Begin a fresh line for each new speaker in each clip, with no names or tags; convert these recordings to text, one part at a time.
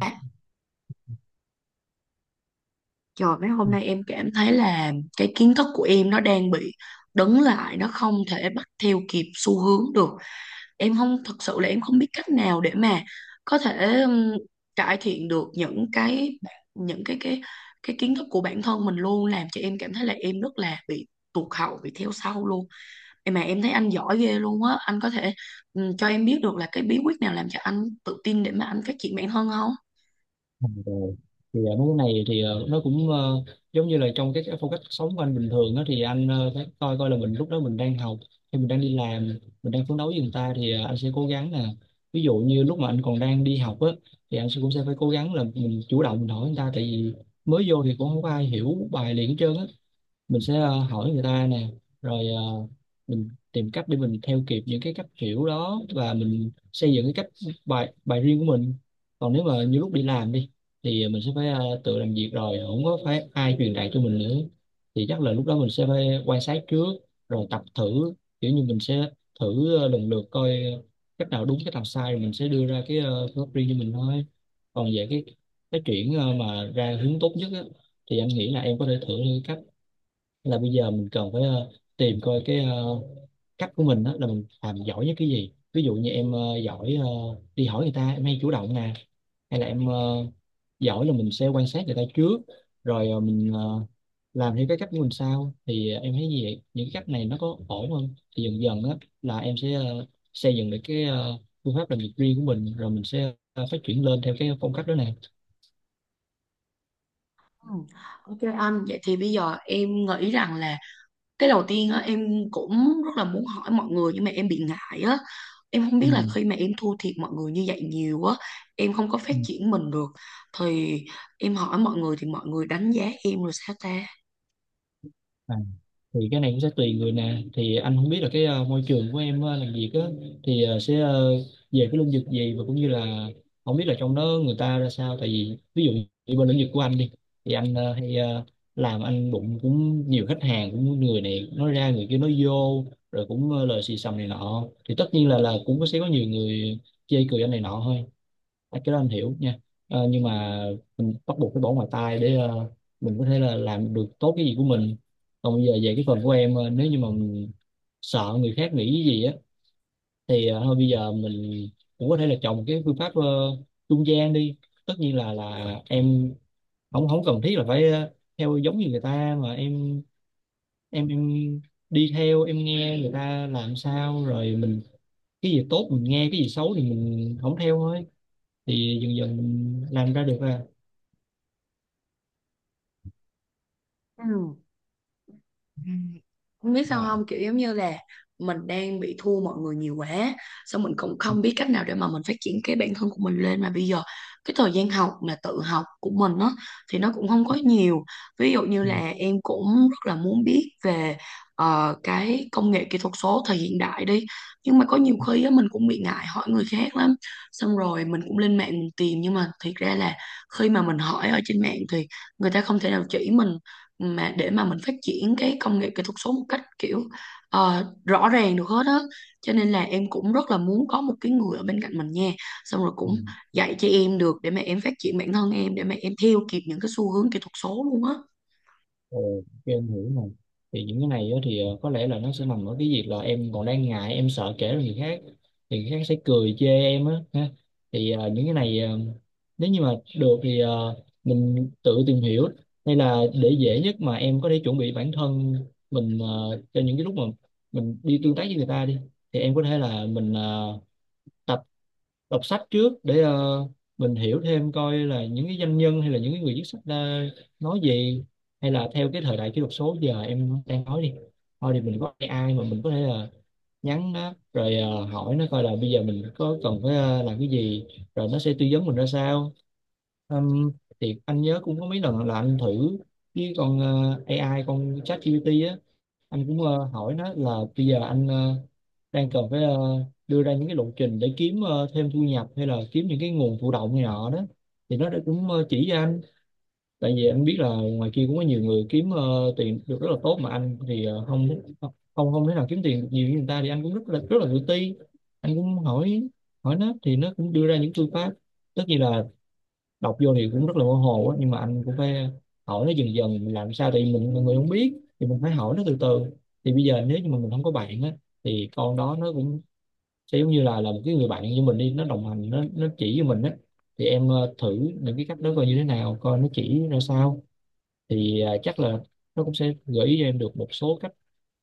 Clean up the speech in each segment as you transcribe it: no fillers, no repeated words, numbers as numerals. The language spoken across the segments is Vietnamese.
À, trời mấy hôm nay em cảm thấy là cái kiến thức của em nó đang bị đứng lại, nó không thể bắt theo kịp xu hướng được. Em không thật sự là em không biết cách nào để mà có thể cải thiện được những cái kiến thức của bản thân mình, luôn làm cho em cảm thấy là em rất là bị tụt hậu, bị theo sau luôn. Em mà em thấy anh giỏi ghê luôn á, anh có thể cho em biết được là cái bí quyết nào làm cho anh tự tin để mà anh phát triển bản thân không?
Ừ, rồi. Thì mấy cái này thì nó cũng giống như là trong cái phong cách sống của anh bình thường đó, thì anh phải coi coi là mình lúc đó mình đang học hay mình đang đi làm, mình đang phấn đấu với người ta. Thì anh sẽ cố gắng là ví dụ như lúc mà anh còn đang đi học á, thì anh sẽ cũng sẽ phải cố gắng là mình chủ động mình hỏi người ta, tại vì mới vô thì cũng không có ai hiểu bài liền hết trơn á. Mình sẽ hỏi người ta nè, rồi mình tìm cách để mình theo kịp những cái cách hiểu đó, và mình xây dựng cái cách bài bài riêng của mình. Còn nếu mà như lúc đi làm đi, thì mình sẽ phải tự làm việc rồi, không có phải ai truyền đạt cho mình nữa. Thì chắc là lúc đó mình sẽ phải quan sát trước, rồi tập thử, kiểu như mình sẽ thử lần lượt coi cách nào đúng cách nào sai, rồi mình sẽ đưa ra cái phương pháp riêng cho mình thôi. Còn về cái chuyện mà ra hướng tốt nhất á, thì anh nghĩ là em có thể thử là bây giờ mình cần phải tìm coi cái cách của mình đó là mình làm giỏi nhất cái gì. Ví dụ như em giỏi đi hỏi người ta, em hay chủ động nè, hay là em giỏi là mình sẽ quan sát người ta trước, rồi mình làm theo cái cách của mình sau. Thì em thấy gì vậy? Những cái cách này nó có ổn không, thì dần dần á là em sẽ xây dựng được cái phương pháp làm việc riêng của mình, rồi mình sẽ phát triển lên theo cái phong cách đó nè.
Ừ. Ok anh, vậy thì bây giờ em nghĩ rằng là cái đầu tiên á, em cũng rất là muốn hỏi mọi người nhưng mà em bị ngại á, em không
Ừ,
biết là khi mà em thua thiệt mọi người như vậy nhiều á, em không có phát triển mình được, thì em hỏi mọi người thì mọi người đánh giá em rồi sao ta?
ừ. Thì cái này cũng sẽ tùy người nè. Thì anh không biết là cái môi trường của em làm việc á thì sẽ về cái lĩnh vực gì, và cũng như là không biết là trong đó người ta ra sao. Tại vì ví dụ như bên lĩnh vực của anh đi, thì anh hay làm anh đụng cũng nhiều khách hàng, cũng người này nói ra người kia nói vô, rồi cũng lời xì xầm này nọ. Thì tất nhiên là cũng có sẽ có nhiều người chê cười anh này nọ thôi. À, cái đó anh hiểu nha. Ờ, nhưng mà mình bắt buộc phải bỏ ngoài tai để mình có thể là làm được tốt cái gì của mình. Còn bây giờ về cái phần của em, nếu như mà mình sợ người khác nghĩ cái gì á, thì thôi bây giờ mình cũng có thể là chọn một cái phương pháp trung gian đi. Tất nhiên là em không không cần thiết là phải theo giống như người ta, mà em em đi theo, em nghe người ta làm sao rồi mình cái gì tốt mình nghe, cái gì xấu thì mình không theo thôi. Thì dần dần mình làm ra được à.
Ừ. Ừ. Không biết sao
Dạ.
không, kiểu giống như là mình đang bị thua mọi người nhiều quá, xong mình cũng
Ừ,
không biết cách nào để mà mình phát triển cái bản thân của mình lên. Mà bây giờ cái thời gian học mà tự học của mình á thì nó cũng không có nhiều. Ví dụ như
ừ,
là em cũng rất là muốn biết về cái công nghệ kỹ thuật số thời hiện đại đi, nhưng mà có nhiều khi á mình cũng bị ngại hỏi người khác lắm, xong rồi mình cũng lên mạng mình tìm, nhưng mà thiệt ra là khi mà mình hỏi ở trên mạng thì người ta không thể nào chỉ mình mà để mà mình phát triển cái công nghệ kỹ thuật số một cách kiểu rõ ràng được hết á. Cho nên là em cũng rất là muốn có một cái người ở bên cạnh mình nha, xong rồi
ừ.
cũng dạy cho em được để mà em phát triển bản thân em, để mà em theo kịp những cái xu hướng kỹ thuật số luôn á.
Ồ, ok, em hiểu rồi. Thì những cái này á thì có lẽ là nó sẽ nằm ở cái việc là em còn đang ngại, em sợ kể cho người khác. Thì người khác sẽ cười chê em á, ha. Thì những cái này nếu như mà được thì mình tự tìm hiểu. Hay là để dễ nhất mà em có thể chuẩn bị bản thân mình cho những cái lúc mà mình đi tương tác với người ta đi. Thì em có thể là mình tập đọc sách trước để mình hiểu thêm coi là những cái doanh nhân hay là những cái người viết sách đã nói gì. Hay là theo cái thời đại kỹ thuật số giờ em đang nói đi, thôi thì mình có AI mà mình có thể là nhắn nó rồi hỏi nó coi là bây giờ mình có cần phải làm cái gì, rồi nó sẽ tư vấn mình ra sao. Ừm, thì anh nhớ cũng có mấy lần là anh thử với con AI, con ChatGPT á, anh cũng hỏi nó là bây giờ anh đang cần phải đưa ra những cái lộ trình để kiếm thêm thu nhập, hay là kiếm những cái nguồn thụ động này nọ đó. Thì nó đã cũng chỉ cho anh, tại vì anh biết là ngoài kia cũng có nhiều người kiếm tiền được rất là tốt, mà anh thì không không không thể nào kiếm tiền được nhiều như người ta. Thì anh cũng rất là tự ti. Anh cũng hỏi hỏi nó, thì nó cũng đưa ra những phương pháp. Tất nhiên là đọc vô thì cũng rất là mơ hồ á, nhưng mà anh cũng phải hỏi nó dần dần, mình làm sao tại vì mình người không biết thì mình phải hỏi nó từ từ. Thì bây giờ nếu như mà mình không có bạn á, thì con đó nó cũng sẽ giống như là một cái người bạn như mình đi, nó đồng hành, nó chỉ cho mình á. Thì em thử những cái cách đó coi như thế nào, coi nó chỉ ra sao. Thì chắc là nó cũng sẽ gợi ý cho em được một số cách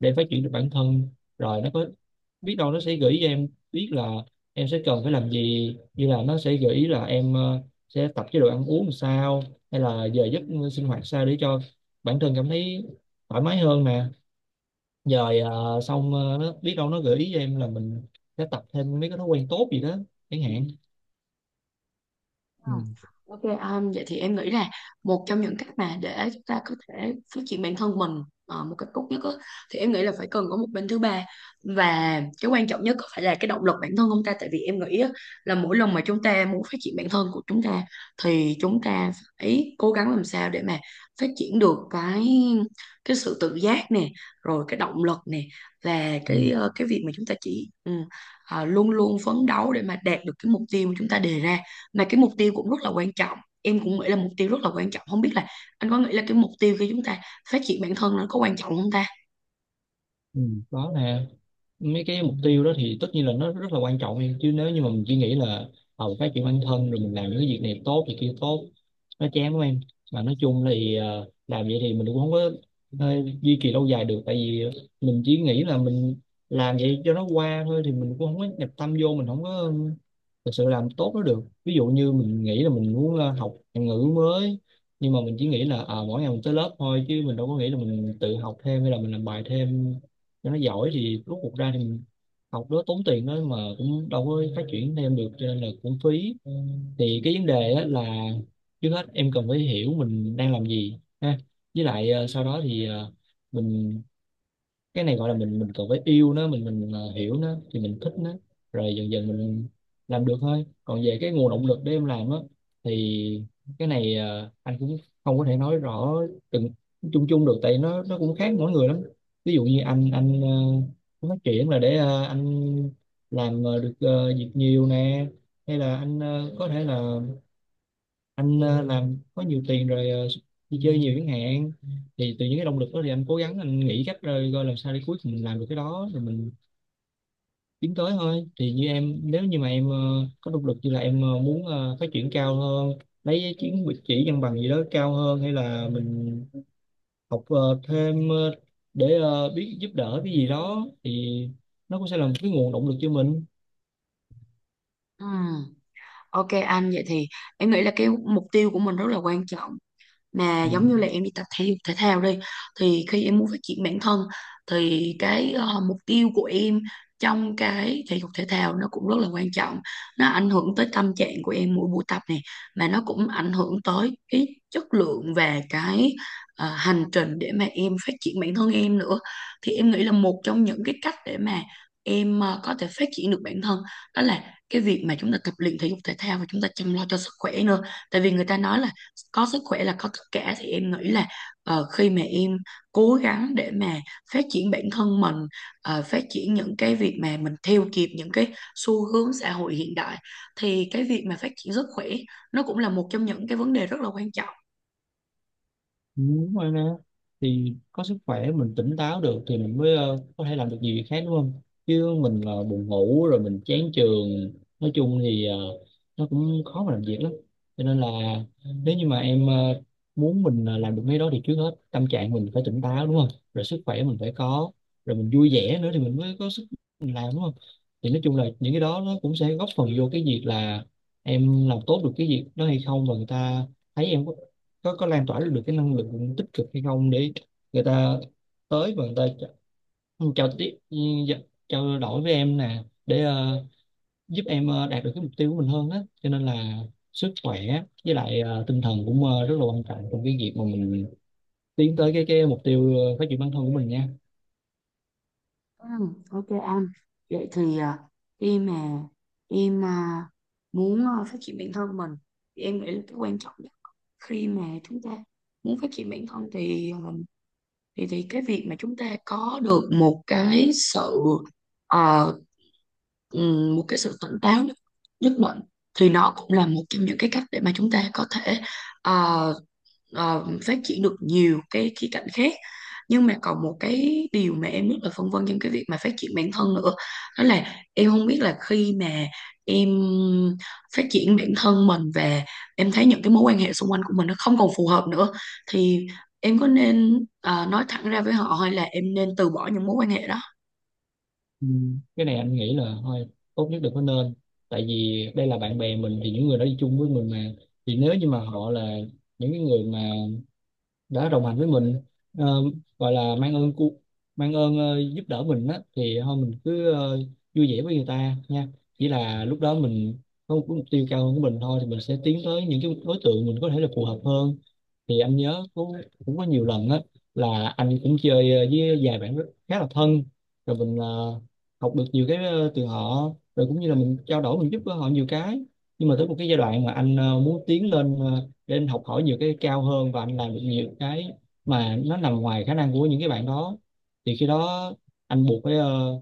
để phát triển được bản thân. Rồi nó có biết đâu nó sẽ gợi ý cho em biết là em sẽ cần phải làm gì, như là nó sẽ gợi ý là em sẽ tập chế độ ăn uống làm sao, hay là giờ giấc sinh hoạt sao để cho bản thân cảm thấy thoải mái hơn nè. Rồi xong nó biết đâu nó gợi ý cho em là mình sẽ tập thêm mấy cái thói quen tốt gì đó chẳng hạn.
Ờ,
Ừ,
ok, vậy thì em nghĩ là một trong những cách mà để chúng ta có thể phát triển bản thân mình một cách tốt nhất á, thì em nghĩ là phải cần có một bên thứ ba, và cái quan trọng nhất có phải là cái động lực bản thân không ta? Tại vì em nghĩ á, là mỗi lần mà chúng ta muốn phát triển bản thân của chúng ta thì chúng ta phải cố gắng làm sao để mà phát triển được cái sự tự giác nè, rồi cái động lực nè, và
ừ,
cái cái việc mà chúng ta chỉ luôn luôn phấn đấu để mà đạt được cái mục tiêu mà chúng ta đề ra. Mà cái mục tiêu cũng rất là quan trọng, em cũng nghĩ là mục tiêu rất là quan trọng. Không biết là anh có nghĩ là cái mục tiêu khi chúng ta phát triển bản thân nó có quan trọng không ta?
ừ. Đó nè, mấy cái mục tiêu đó thì tất nhiên là nó rất là quan trọng em. Chứ nếu như mà mình chỉ nghĩ là ờ phát triển bản thân rồi mình làm những cái việc này tốt thì kia tốt, nó chán quá em. Mà nói chung là thì làm vậy thì mình cũng không có ờ, duy trì lâu dài được. Tại vì mình chỉ nghĩ là mình làm vậy cho nó qua thôi, thì mình cũng không có nhập tâm vô, mình không có thực sự làm tốt nó được. Ví dụ như mình nghĩ là mình muốn học ngôn ngữ mới, nhưng mà mình chỉ nghĩ là à, mỗi ngày mình tới lớp thôi, chứ mình đâu có nghĩ là mình tự học thêm hay là mình làm bài thêm cho nó giỏi. Thì rốt cuộc ra thì mình học đó tốn tiền đó, mà cũng đâu có phát triển thêm được, cho nên là cũng phí. Thì cái vấn đề á là trước hết em cần phải hiểu mình đang làm gì ha. Với lại sau đó thì mình cái này gọi là mình cần phải yêu nó, mình hiểu nó thì mình thích nó, rồi dần dần mình làm được thôi. Còn về cái nguồn động lực để em làm á, thì cái này anh cũng không có thể nói rõ từng chung chung được, tại nó cũng khác mỗi người lắm. Ví dụ như anh muốn phát triển là để anh làm được việc nhiều nè, hay là anh có thể là anh làm có nhiều tiền rồi đi chơi nhiều chẳng hạn. Thì từ những cái động lực đó thì anh cố gắng, anh nghĩ cách rồi coi làm sao để cuối cùng mình làm được cái đó, rồi mình tiến tới thôi. Thì như em, nếu như mà em có động lực như là em muốn phát triển cao hơn, lấy chứng chỉ văn bằng gì đó cao hơn, hay là mình học thêm để biết giúp đỡ cái gì đó, thì nó cũng sẽ là một cái nguồn động lực cho mình.
Ừm, ok anh, vậy thì em nghĩ là cái mục tiêu của mình rất là quan trọng. Mà
Ừ.
giống như là em đi tập thể dục thể thao đi, thì khi em muốn phát triển bản thân thì cái mục tiêu của em trong cái thể dục thể thao nó cũng rất là quan trọng. Nó ảnh hưởng tới tâm trạng của em mỗi buổi tập này, mà nó cũng ảnh hưởng tới cái chất lượng và cái hành trình để mà em phát triển bản thân em nữa. Thì em nghĩ là một trong những cái cách để mà em có thể phát triển được bản thân, đó là cái việc mà chúng ta tập luyện thể dục thể thao và chúng ta chăm lo cho sức khỏe nữa. Tại vì người ta nói là có sức khỏe là có tất cả, thì em nghĩ là khi mà em cố gắng để mà phát triển bản thân mình, phát triển những cái việc mà mình theo kịp những cái xu hướng xã hội hiện đại, thì cái việc mà phát triển sức khỏe nó cũng là một trong những cái vấn đề rất là quan trọng.
Đúng rồi nè, thì có sức khỏe mình tỉnh táo được thì mình mới có thể làm được nhiều việc khác, đúng không? Chứ mình là buồn ngủ rồi mình chán trường, nói chung thì nó cũng khó mà làm việc lắm. Cho nên là nếu như mà em muốn mình làm được mấy đó thì trước hết tâm trạng mình phải tỉnh táo, đúng không? Rồi sức khỏe mình phải có, rồi mình vui vẻ nữa thì mình mới có sức mình làm, đúng không? Thì nói chung là những cái đó nó cũng sẽ góp phần vô cái việc là em làm tốt được cái việc đó hay không, và người ta thấy em có có lan tỏa được cái năng lượng tích cực hay không, để người ta tới và người ta chào tiếp, ừ, dạ, trao đổi với em nè để giúp em đạt được cái mục tiêu của mình hơn đó. Cho nên là sức khỏe với lại tinh thần cũng rất là quan trọng trong cái việc mà mình tiến tới cái mục tiêu phát triển bản thân của mình nha.
Ừ, ok anh. Vậy thì à, khi mà em à, muốn à, phát triển bản thân mình, thì em nghĩ là cái quan trọng nhất khi mà chúng ta muốn phát triển bản thân thì à, thì cái việc mà chúng ta có được một cái sự ờ, một cái sự tỉnh táo nhất, nhất định, thì nó cũng là một trong những cái cách để mà chúng ta có thể ờ, phát triển được nhiều cái khía cạnh khác. Nhưng mà còn một cái điều mà em rất là phân vân trong cái việc mà phát triển bản thân nữa, đó là em không biết là khi mà em phát triển bản thân mình và em thấy những cái mối quan hệ xung quanh của mình nó không còn phù hợp nữa, thì em có nên nói thẳng ra với họ, hay là em nên từ bỏ những mối quan hệ đó?
Ừ. Cái này anh nghĩ là thôi, tốt nhất đừng có nên, tại vì đây là bạn bè mình, thì những người đó đi chung với mình mà. Thì nếu như mà họ là những cái người mà đã đồng hành với mình, ờ, gọi là mang ơn giúp đỡ mình á, thì thôi mình cứ vui vẻ với người ta nha. Chỉ là lúc đó mình có một cái mục tiêu cao hơn của mình thôi, thì mình sẽ tiến tới những cái đối tượng mình có thể là phù hợp hơn. Thì anh nhớ cũng cũng có nhiều lần á, là anh cũng chơi với vài bạn rất khá là thân, rồi mình học được nhiều cái từ họ, rồi cũng như là mình trao đổi, mình giúp đỡ họ nhiều cái. Nhưng mà tới một cái giai đoạn mà anh muốn tiến lên để anh học hỏi nhiều cái cao hơn và anh làm được nhiều cái mà nó nằm ngoài khả năng của những cái bạn đó, thì khi đó anh buộc phải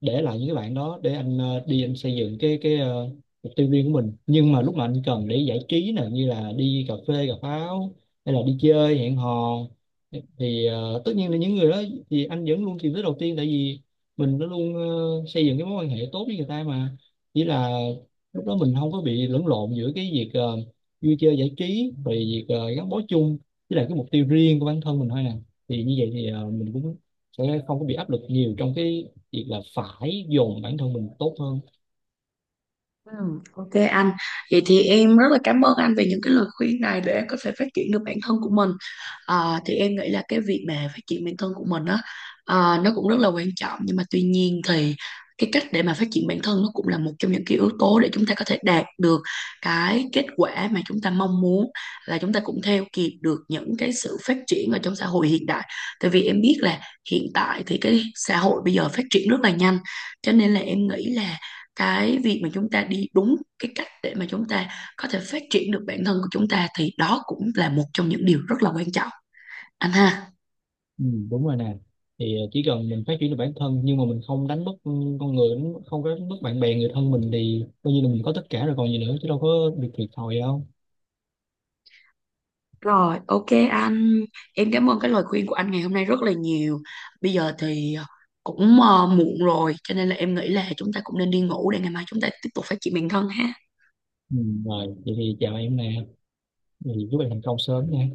để lại những cái bạn đó để anh đi, anh xây dựng mục tiêu riêng của mình. Nhưng mà lúc mà anh cần để giải trí nè, như là đi cà phê cà pháo hay là đi chơi hẹn hò, thì tất nhiên là những người đó thì anh vẫn luôn tìm tới đầu tiên, tại vì mình đã luôn xây dựng cái mối quan hệ tốt với người ta mà. Chỉ là lúc đó mình không có bị lẫn lộn giữa cái việc vui chơi giải trí rồi việc gắn bó chung với lại cái mục tiêu riêng của bản thân mình thôi nè. Thì như vậy thì mình cũng sẽ không có bị áp lực nhiều trong cái việc là phải dồn bản thân mình tốt hơn.
Ừ, ok anh. Vậy thì em rất là cảm ơn anh về những cái lời khuyên này để em có thể phát triển được bản thân của mình. À, thì em nghĩ là cái việc mà phát triển bản thân của mình á, à, nó cũng rất là quan trọng, nhưng mà tuy nhiên thì cái cách để mà phát triển bản thân nó cũng là một trong những cái yếu tố để chúng ta có thể đạt được cái kết quả mà chúng ta mong muốn, là chúng ta cũng theo kịp được những cái sự phát triển ở trong xã hội hiện đại. Tại vì em biết là hiện tại thì cái xã hội bây giờ phát triển rất là nhanh, cho nên là em nghĩ là cái việc mà chúng ta đi đúng cái cách để mà chúng ta có thể phát triển được bản thân của chúng ta, thì đó cũng là một trong những điều rất là quan trọng anh ha.
Ừ, đúng rồi nè, thì chỉ cần mình phát triển được bản thân nhưng mà mình không đánh mất, ừ, con người đánh mất- không có đánh mất bạn bè người thân mình, thì coi như là mình có tất cả rồi còn gì nữa, chứ đâu có việc thiệt thòi đâu.
Rồi ok anh, em cảm ơn cái lời khuyên của anh ngày hôm nay rất là nhiều. Bây giờ thì cũng muộn rồi, cho nên là em nghĩ là chúng ta cũng nên đi ngủ để ngày mai chúng ta tiếp tục phát triển bản thân ha.
Ừ, rồi vậy thì chào em nè, thì chúc em thành công sớm nha.